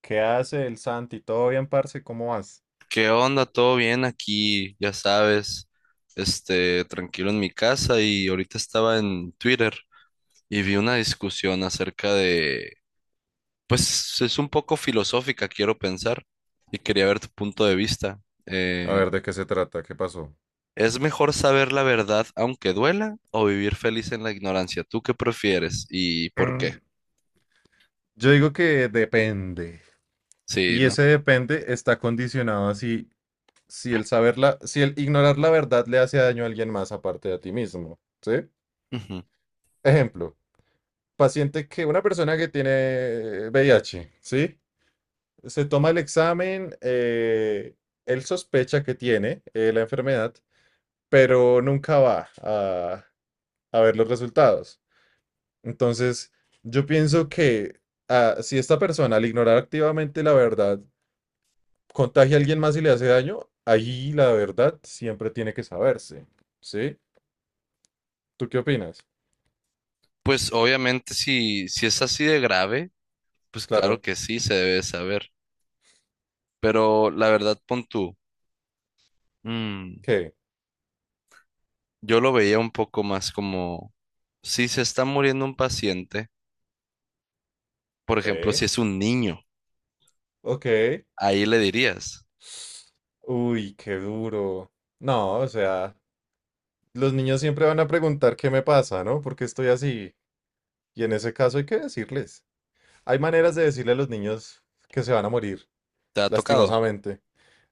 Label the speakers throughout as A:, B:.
A: ¿Qué hace el Santi? ¿Todo bien, parce? ¿Cómo vas?
B: ¿Qué onda? ¿Todo bien aquí? Ya sabes, tranquilo en mi casa y ahorita estaba en Twitter y vi una discusión acerca de, pues es un poco filosófica, quiero pensar, y quería ver tu punto de vista.
A: A
B: Eh,
A: ver, ¿de qué se trata? ¿Qué pasó?
B: ¿Es mejor saber la verdad aunque duela o vivir feliz en la ignorancia? ¿Tú qué prefieres y por qué?
A: Mm, Yo digo que depende.
B: Sí,
A: Y
B: ¿no?
A: ese depende está condicionado a si si el ignorar la verdad le hace daño a alguien más aparte de a ti mismo, ¿sí?
B: Ujú.
A: Ejemplo, una persona que tiene VIH, ¿sí? Se toma el examen, él sospecha que tiene la enfermedad, pero nunca va a ver los resultados. Entonces, yo pienso que si esta persona al ignorar activamente la verdad contagia a alguien más y le hace daño, ahí la verdad siempre tiene que saberse. ¿Sí? ¿Tú qué opinas?
B: Pues obviamente si es así de grave, pues claro
A: Claro.
B: que sí se debe saber, pero la verdad pon tú. Mm,
A: ¿Qué?
B: yo lo veía un poco más como, si se está muriendo un paciente, por ejemplo,
A: Sí.
B: si es un niño,
A: Ok.
B: ahí le dirías,
A: Uy, qué duro. No, o sea, los niños siempre van a preguntar qué me pasa, ¿no? Porque estoy así. Y en ese caso hay que decirles. Hay maneras de decirle a los niños que se van a morir,
B: ¿te ha tocado?
A: lastimosamente.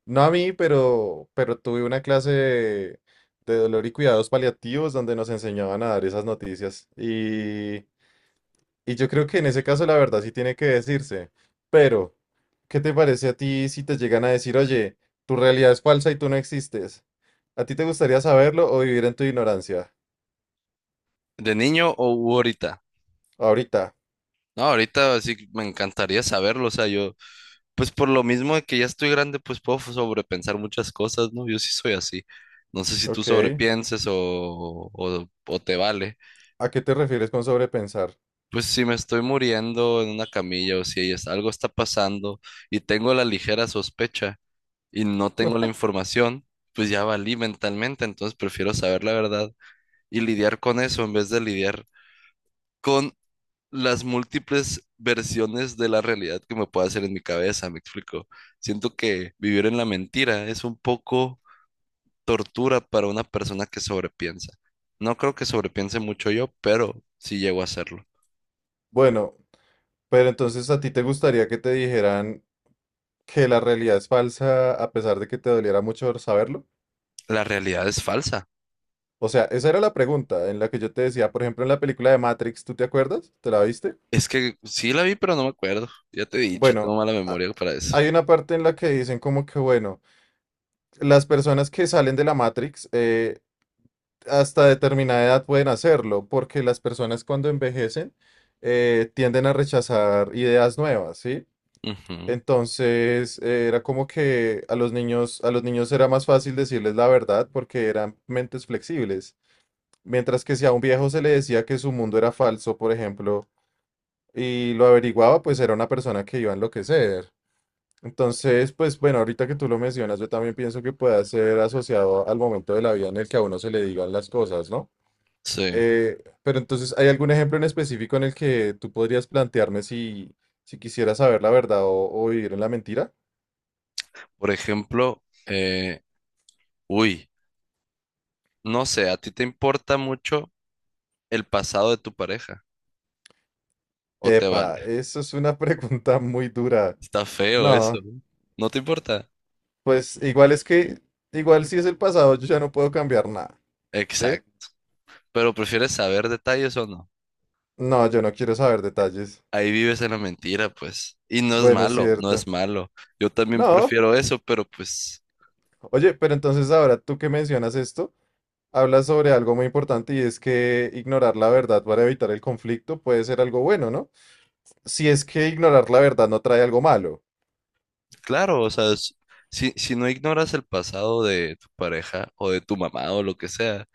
A: No a mí, pero tuve una clase de dolor y cuidados paliativos donde nos enseñaban a dar esas noticias. Y yo creo que en ese caso la verdad sí tiene que decirse. Pero, ¿qué te parece a ti si te llegan a decir, oye, tu realidad es falsa y tú no existes? ¿A ti te gustaría saberlo o vivir en tu ignorancia?
B: ¿De niño o u ahorita?
A: Ahorita.
B: No, ahorita sí me encantaría saberlo, o sea, yo, pues por lo mismo de que ya estoy grande, pues puedo sobrepensar muchas cosas, ¿no? Yo sí soy así. No sé si tú
A: Ok.
B: sobrepienses o te vale.
A: ¿A qué te refieres con sobrepensar?
B: Pues si me estoy muriendo en una camilla o si es- algo está pasando y tengo la ligera sospecha, y no tengo la información, pues ya valí mentalmente, entonces prefiero saber la verdad y lidiar con eso en vez de lidiar con las múltiples versiones de la realidad que me puede hacer en mi cabeza, me explico. Siento que vivir en la mentira es un poco tortura para una persona que sobrepiensa. No creo que sobrepiense mucho yo, pero sí llego a hacerlo.
A: Bueno, pero entonces ¿a ti te gustaría que te dijeran que la realidad es falsa a pesar de que te doliera mucho saberlo?
B: La realidad es falsa.
A: O sea, esa era la pregunta en la que yo te decía, por ejemplo, en la película de Matrix, ¿tú te acuerdas? ¿Te la viste?
B: Es que sí la vi, pero no me acuerdo. Ya te he dicho, tengo
A: Bueno,
B: mala
A: a-
B: memoria para eso.
A: hay una parte en la que dicen como que, bueno, las personas que salen de la Matrix hasta determinada edad pueden hacerlo, porque las personas cuando envejecen tienden a rechazar ideas nuevas, ¿sí?
B: Ujú.
A: Entonces, era como que a los niños era más fácil decirles la verdad porque eran mentes flexibles. Mientras que si a un viejo se le decía que su mundo era falso, por ejemplo, y lo averiguaba, pues era una persona que iba a enloquecer. Entonces, pues bueno, ahorita que tú lo mencionas, yo también pienso que pueda ser asociado al momento de la vida en el que a uno se le digan las cosas, ¿no?
B: Sí.
A: Pero entonces, ¿hay algún ejemplo en específico en el que tú podrías plantearme si quisiera saber la verdad o vivir en la mentira?
B: Por ejemplo, eh, uy, no sé, ¿a ti te importa mucho el pasado de tu pareja? ¿O te
A: Epa,
B: vale?
A: eso es una pregunta muy dura.
B: Está feo eso,
A: No,
B: ¿no? ¿No te importa?
A: pues igual es que, igual si es el pasado, yo ya no puedo cambiar nada, ¿sí?
B: Exacto. Pero prefieres saber detalles o no.
A: No, yo no quiero saber detalles.
B: Ahí vives en la mentira, pues. Y no es
A: Bueno, es
B: malo, no es
A: cierto.
B: malo. Yo también
A: No,
B: prefiero eso, pero pues,
A: oye, pero entonces ahora tú que mencionas esto, hablas sobre algo muy importante y es que ignorar la verdad para evitar el conflicto puede ser algo bueno, ¿no? Si es que ignorar la verdad no trae algo malo.
B: claro, o sea, si, si no ignoras el pasado de tu pareja o de tu mamá o lo que sea,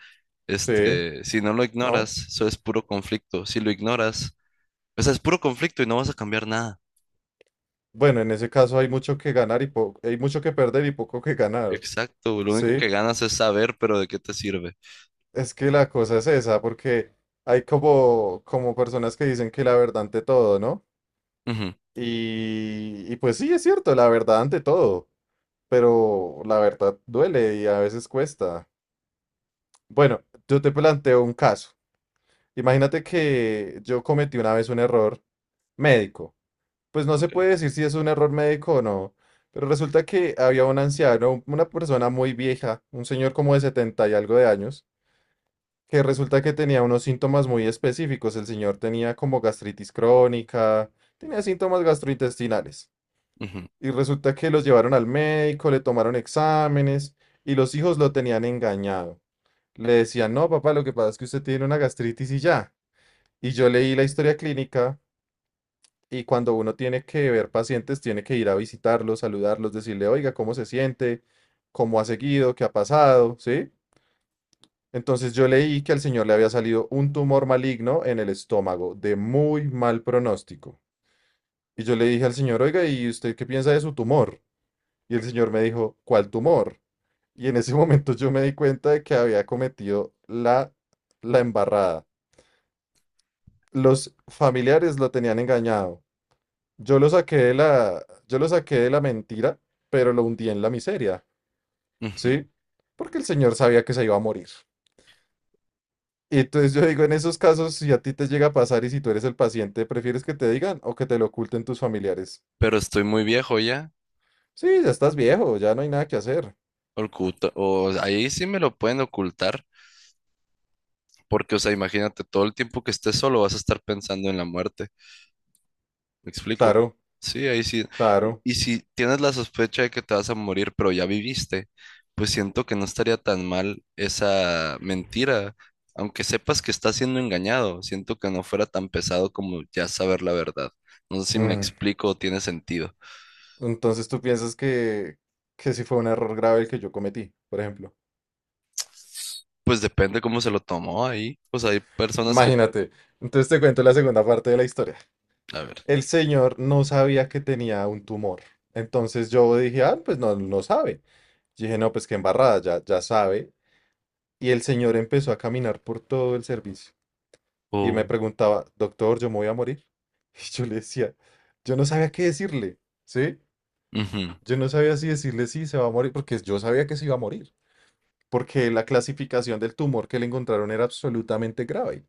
A: Sí,
B: si no lo
A: ¿no?
B: ignoras, eso es puro conflicto. Si lo ignoras, o sea, es puro conflicto y no vas a cambiar nada.
A: Bueno, en ese caso hay mucho que ganar y hay mucho que perder y poco que ganar.
B: Exacto, lo único
A: Sí,
B: que ganas es saber, pero ¿de qué te sirve?
A: es que la cosa es esa, porque hay como personas que dicen que la verdad ante todo, ¿no?
B: Ujú.
A: Y pues sí, es cierto, la verdad ante todo, pero la verdad duele y a veces cuesta. Bueno, yo te planteo un caso. Imagínate que yo cometí una vez un error médico. Pues no se
B: Ok.
A: puede decir si es un error médico o no, pero resulta que había un anciano, una persona muy vieja, un señor como de 70 y algo de años, que resulta que tenía unos síntomas muy específicos. El señor tenía como gastritis crónica, tenía síntomas gastrointestinales.
B: Ujú.
A: Y resulta que los llevaron al médico, le tomaron exámenes y los hijos lo tenían engañado. Le decían, no, papá, lo que pasa es que usted tiene una gastritis y ya. Y yo leí la historia clínica y cuando uno tiene que ver pacientes, tiene que ir a visitarlos, saludarlos, decirle, oiga, ¿cómo se siente? ¿Cómo ha seguido? ¿Qué ha pasado? ¿Sí? Entonces yo leí que al señor le había salido un tumor maligno en el estómago, de muy mal pronóstico. Y yo le dije al señor, oiga, ¿y usted qué piensa de su tumor? Y el señor me dijo, ¿cuál tumor? Y en ese momento yo me di cuenta de que había cometido la embarrada. Los familiares lo tenían engañado. Yo lo saqué de la mentira, pero lo hundí en la miseria,
B: Ujú.
A: ¿sí? Porque el señor sabía que se iba a morir. Y entonces yo digo, en esos casos, si a ti te llega a pasar y si tú eres el paciente, ¿prefieres que te digan o que te lo oculten tus familiares?
B: Pero estoy muy viejo ya.
A: Sí, ya estás viejo, ya no hay nada que hacer.
B: Oculta, o ahí sí me lo pueden ocultar, porque, o sea, imagínate, todo el tiempo que estés solo vas a estar pensando en la muerte. Me explico.
A: Claro,
B: Sí, ahí sí. Y,
A: claro.
B: y si tienes la sospecha de que te vas a morir, pero ya viviste, pues siento que no estaría tan mal esa mentira, aunque sepas que estás siendo engañado. Siento que no fuera tan pesado como ya saber la verdad. No sé si me
A: Mm.
B: explico o tiene sentido.
A: Entonces tú piensas que sí fue un error grave el que yo cometí, por ejemplo.
B: Pues depende cómo se lo tomó ahí. Pues hay personas que,
A: Imagínate. Entonces te cuento la segunda parte de la historia.
B: a ver,
A: El señor no sabía que tenía un tumor. Entonces yo dije, pues no, no sabe. Yo dije, no, pues qué embarrada, ya, ya sabe. Y el señor empezó a caminar por todo el servicio y me
B: o
A: preguntaba, doctor, ¿yo me voy a morir? Y yo le decía, yo no sabía qué decirle, ¿sí?
B: ujú,
A: Yo no sabía si decirle sí, se va a morir, porque yo sabía que se iba a morir, porque la clasificación del tumor que le encontraron era absolutamente grave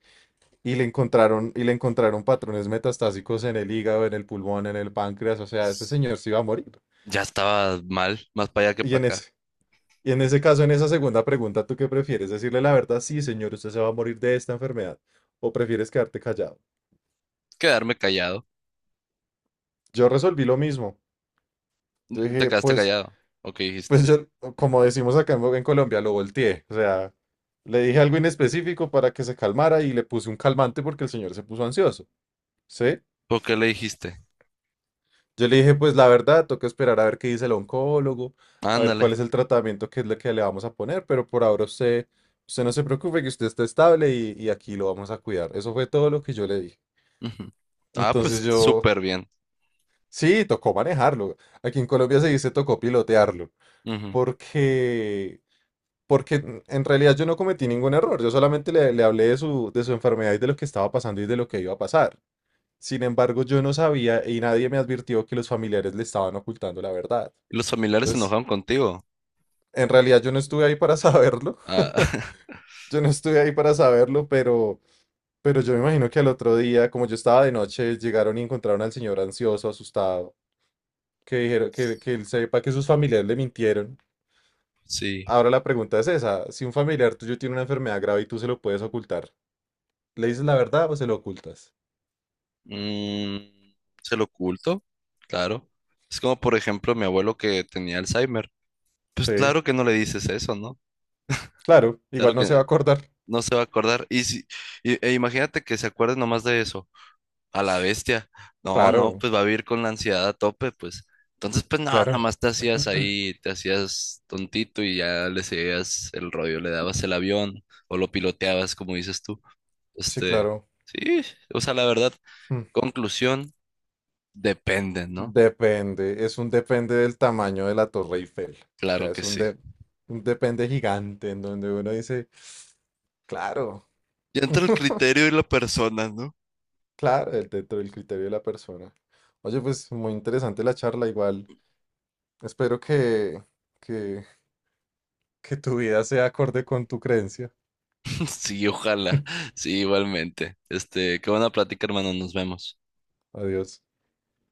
A: y le encontraron patrones metastásicos en el hígado, en el pulmón, en el páncreas, o sea, ese señor se iba a morir.
B: ya estaba mal, más para allá que
A: Y
B: para
A: en
B: acá.
A: ese, y en ese caso, en esa segunda pregunta, ¿tú qué prefieres? ¿Decirle la verdad? Sí, señor, usted se va a morir de esta enfermedad. ¿O prefieres quedarte callado?
B: Quedarme callado.
A: Yo resolví lo mismo. Yo
B: Te
A: dije,
B: quedaste
A: pues,
B: callado. ¿O qué dijiste?
A: pues yo, como decimos acá en Colombia, lo volteé. O sea, le dije algo inespecífico para que se calmara y le puse un calmante porque el señor se puso ansioso. ¿Sí?
B: ¿O qué le dijiste?
A: Yo le dije, pues la verdad, toca esperar a ver qué dice el oncólogo, a ver cuál
B: Ándale.
A: es el tratamiento que es lo que le vamos a poner, pero por ahora usted no se preocupe que usted está estable y aquí lo vamos a cuidar. Eso fue todo lo que yo le dije.
B: Ujú. Ah,
A: Entonces
B: pues
A: yo,
B: súper bien.
A: sí, tocó manejarlo. Aquí en Colombia se dice tocó pilotearlo,
B: Ujú.
A: porque, porque en realidad yo no cometí ningún error, yo solamente le hablé de su enfermedad y de lo que estaba pasando y de lo que iba a pasar. Sin embargo, yo no sabía y nadie me advirtió que los familiares le estaban ocultando la verdad.
B: ¿Y los familiares se
A: Entonces,
B: enojaron contigo?
A: en realidad yo no estuve ahí para saberlo.
B: Ah,
A: Yo no estuve ahí para saberlo, pero yo me imagino que al otro día, como yo estaba de noche, llegaron y encontraron al señor ansioso, asustado, que dijeron que él sepa que sus familiares le mintieron.
B: sí.
A: Ahora la pregunta es esa, si un familiar tuyo tiene una enfermedad grave y tú se lo puedes ocultar, ¿le dices la verdad o se lo ocultas?
B: Mm, ¿se lo oculto? Claro. Es como, por ejemplo, mi abuelo que tenía Alzheimer. Pues
A: Sí,
B: claro que no le dices eso, ¿no?
A: claro,
B: Claro
A: igual no se va
B: que
A: a acordar.
B: no se va a acordar. Y si, y- e imagínate que se acuerde nomás de eso. A la bestia. No, no,
A: Claro,
B: pues va a vivir con la ansiedad a tope, pues. Entonces, pues no,
A: claro.
B: nomás te hacías ahí, te hacías tontito y ya le seguías el rollo, le dabas el avión o lo piloteabas, como dices tú.
A: Sí,
B: Este,
A: claro.
B: sí, o sea, la verdad,
A: Mm.
B: conclusión, depende, ¿no?
A: Depende, es un depende del tamaño de la Torre Eiffel. O sea,
B: Claro que
A: es un,
B: sí.
A: de- un depende gigante en donde uno dice, claro,
B: Ya entra el criterio y la persona, ¿no?
A: claro, dentro del criterio de la persona. Oye, pues muy interesante la charla, igual. Espero que, que tu vida sea acorde con tu creencia.
B: Sí, ojalá. Sí, igualmente. Este, qué buena plática, hermano. Nos vemos.
A: Adiós.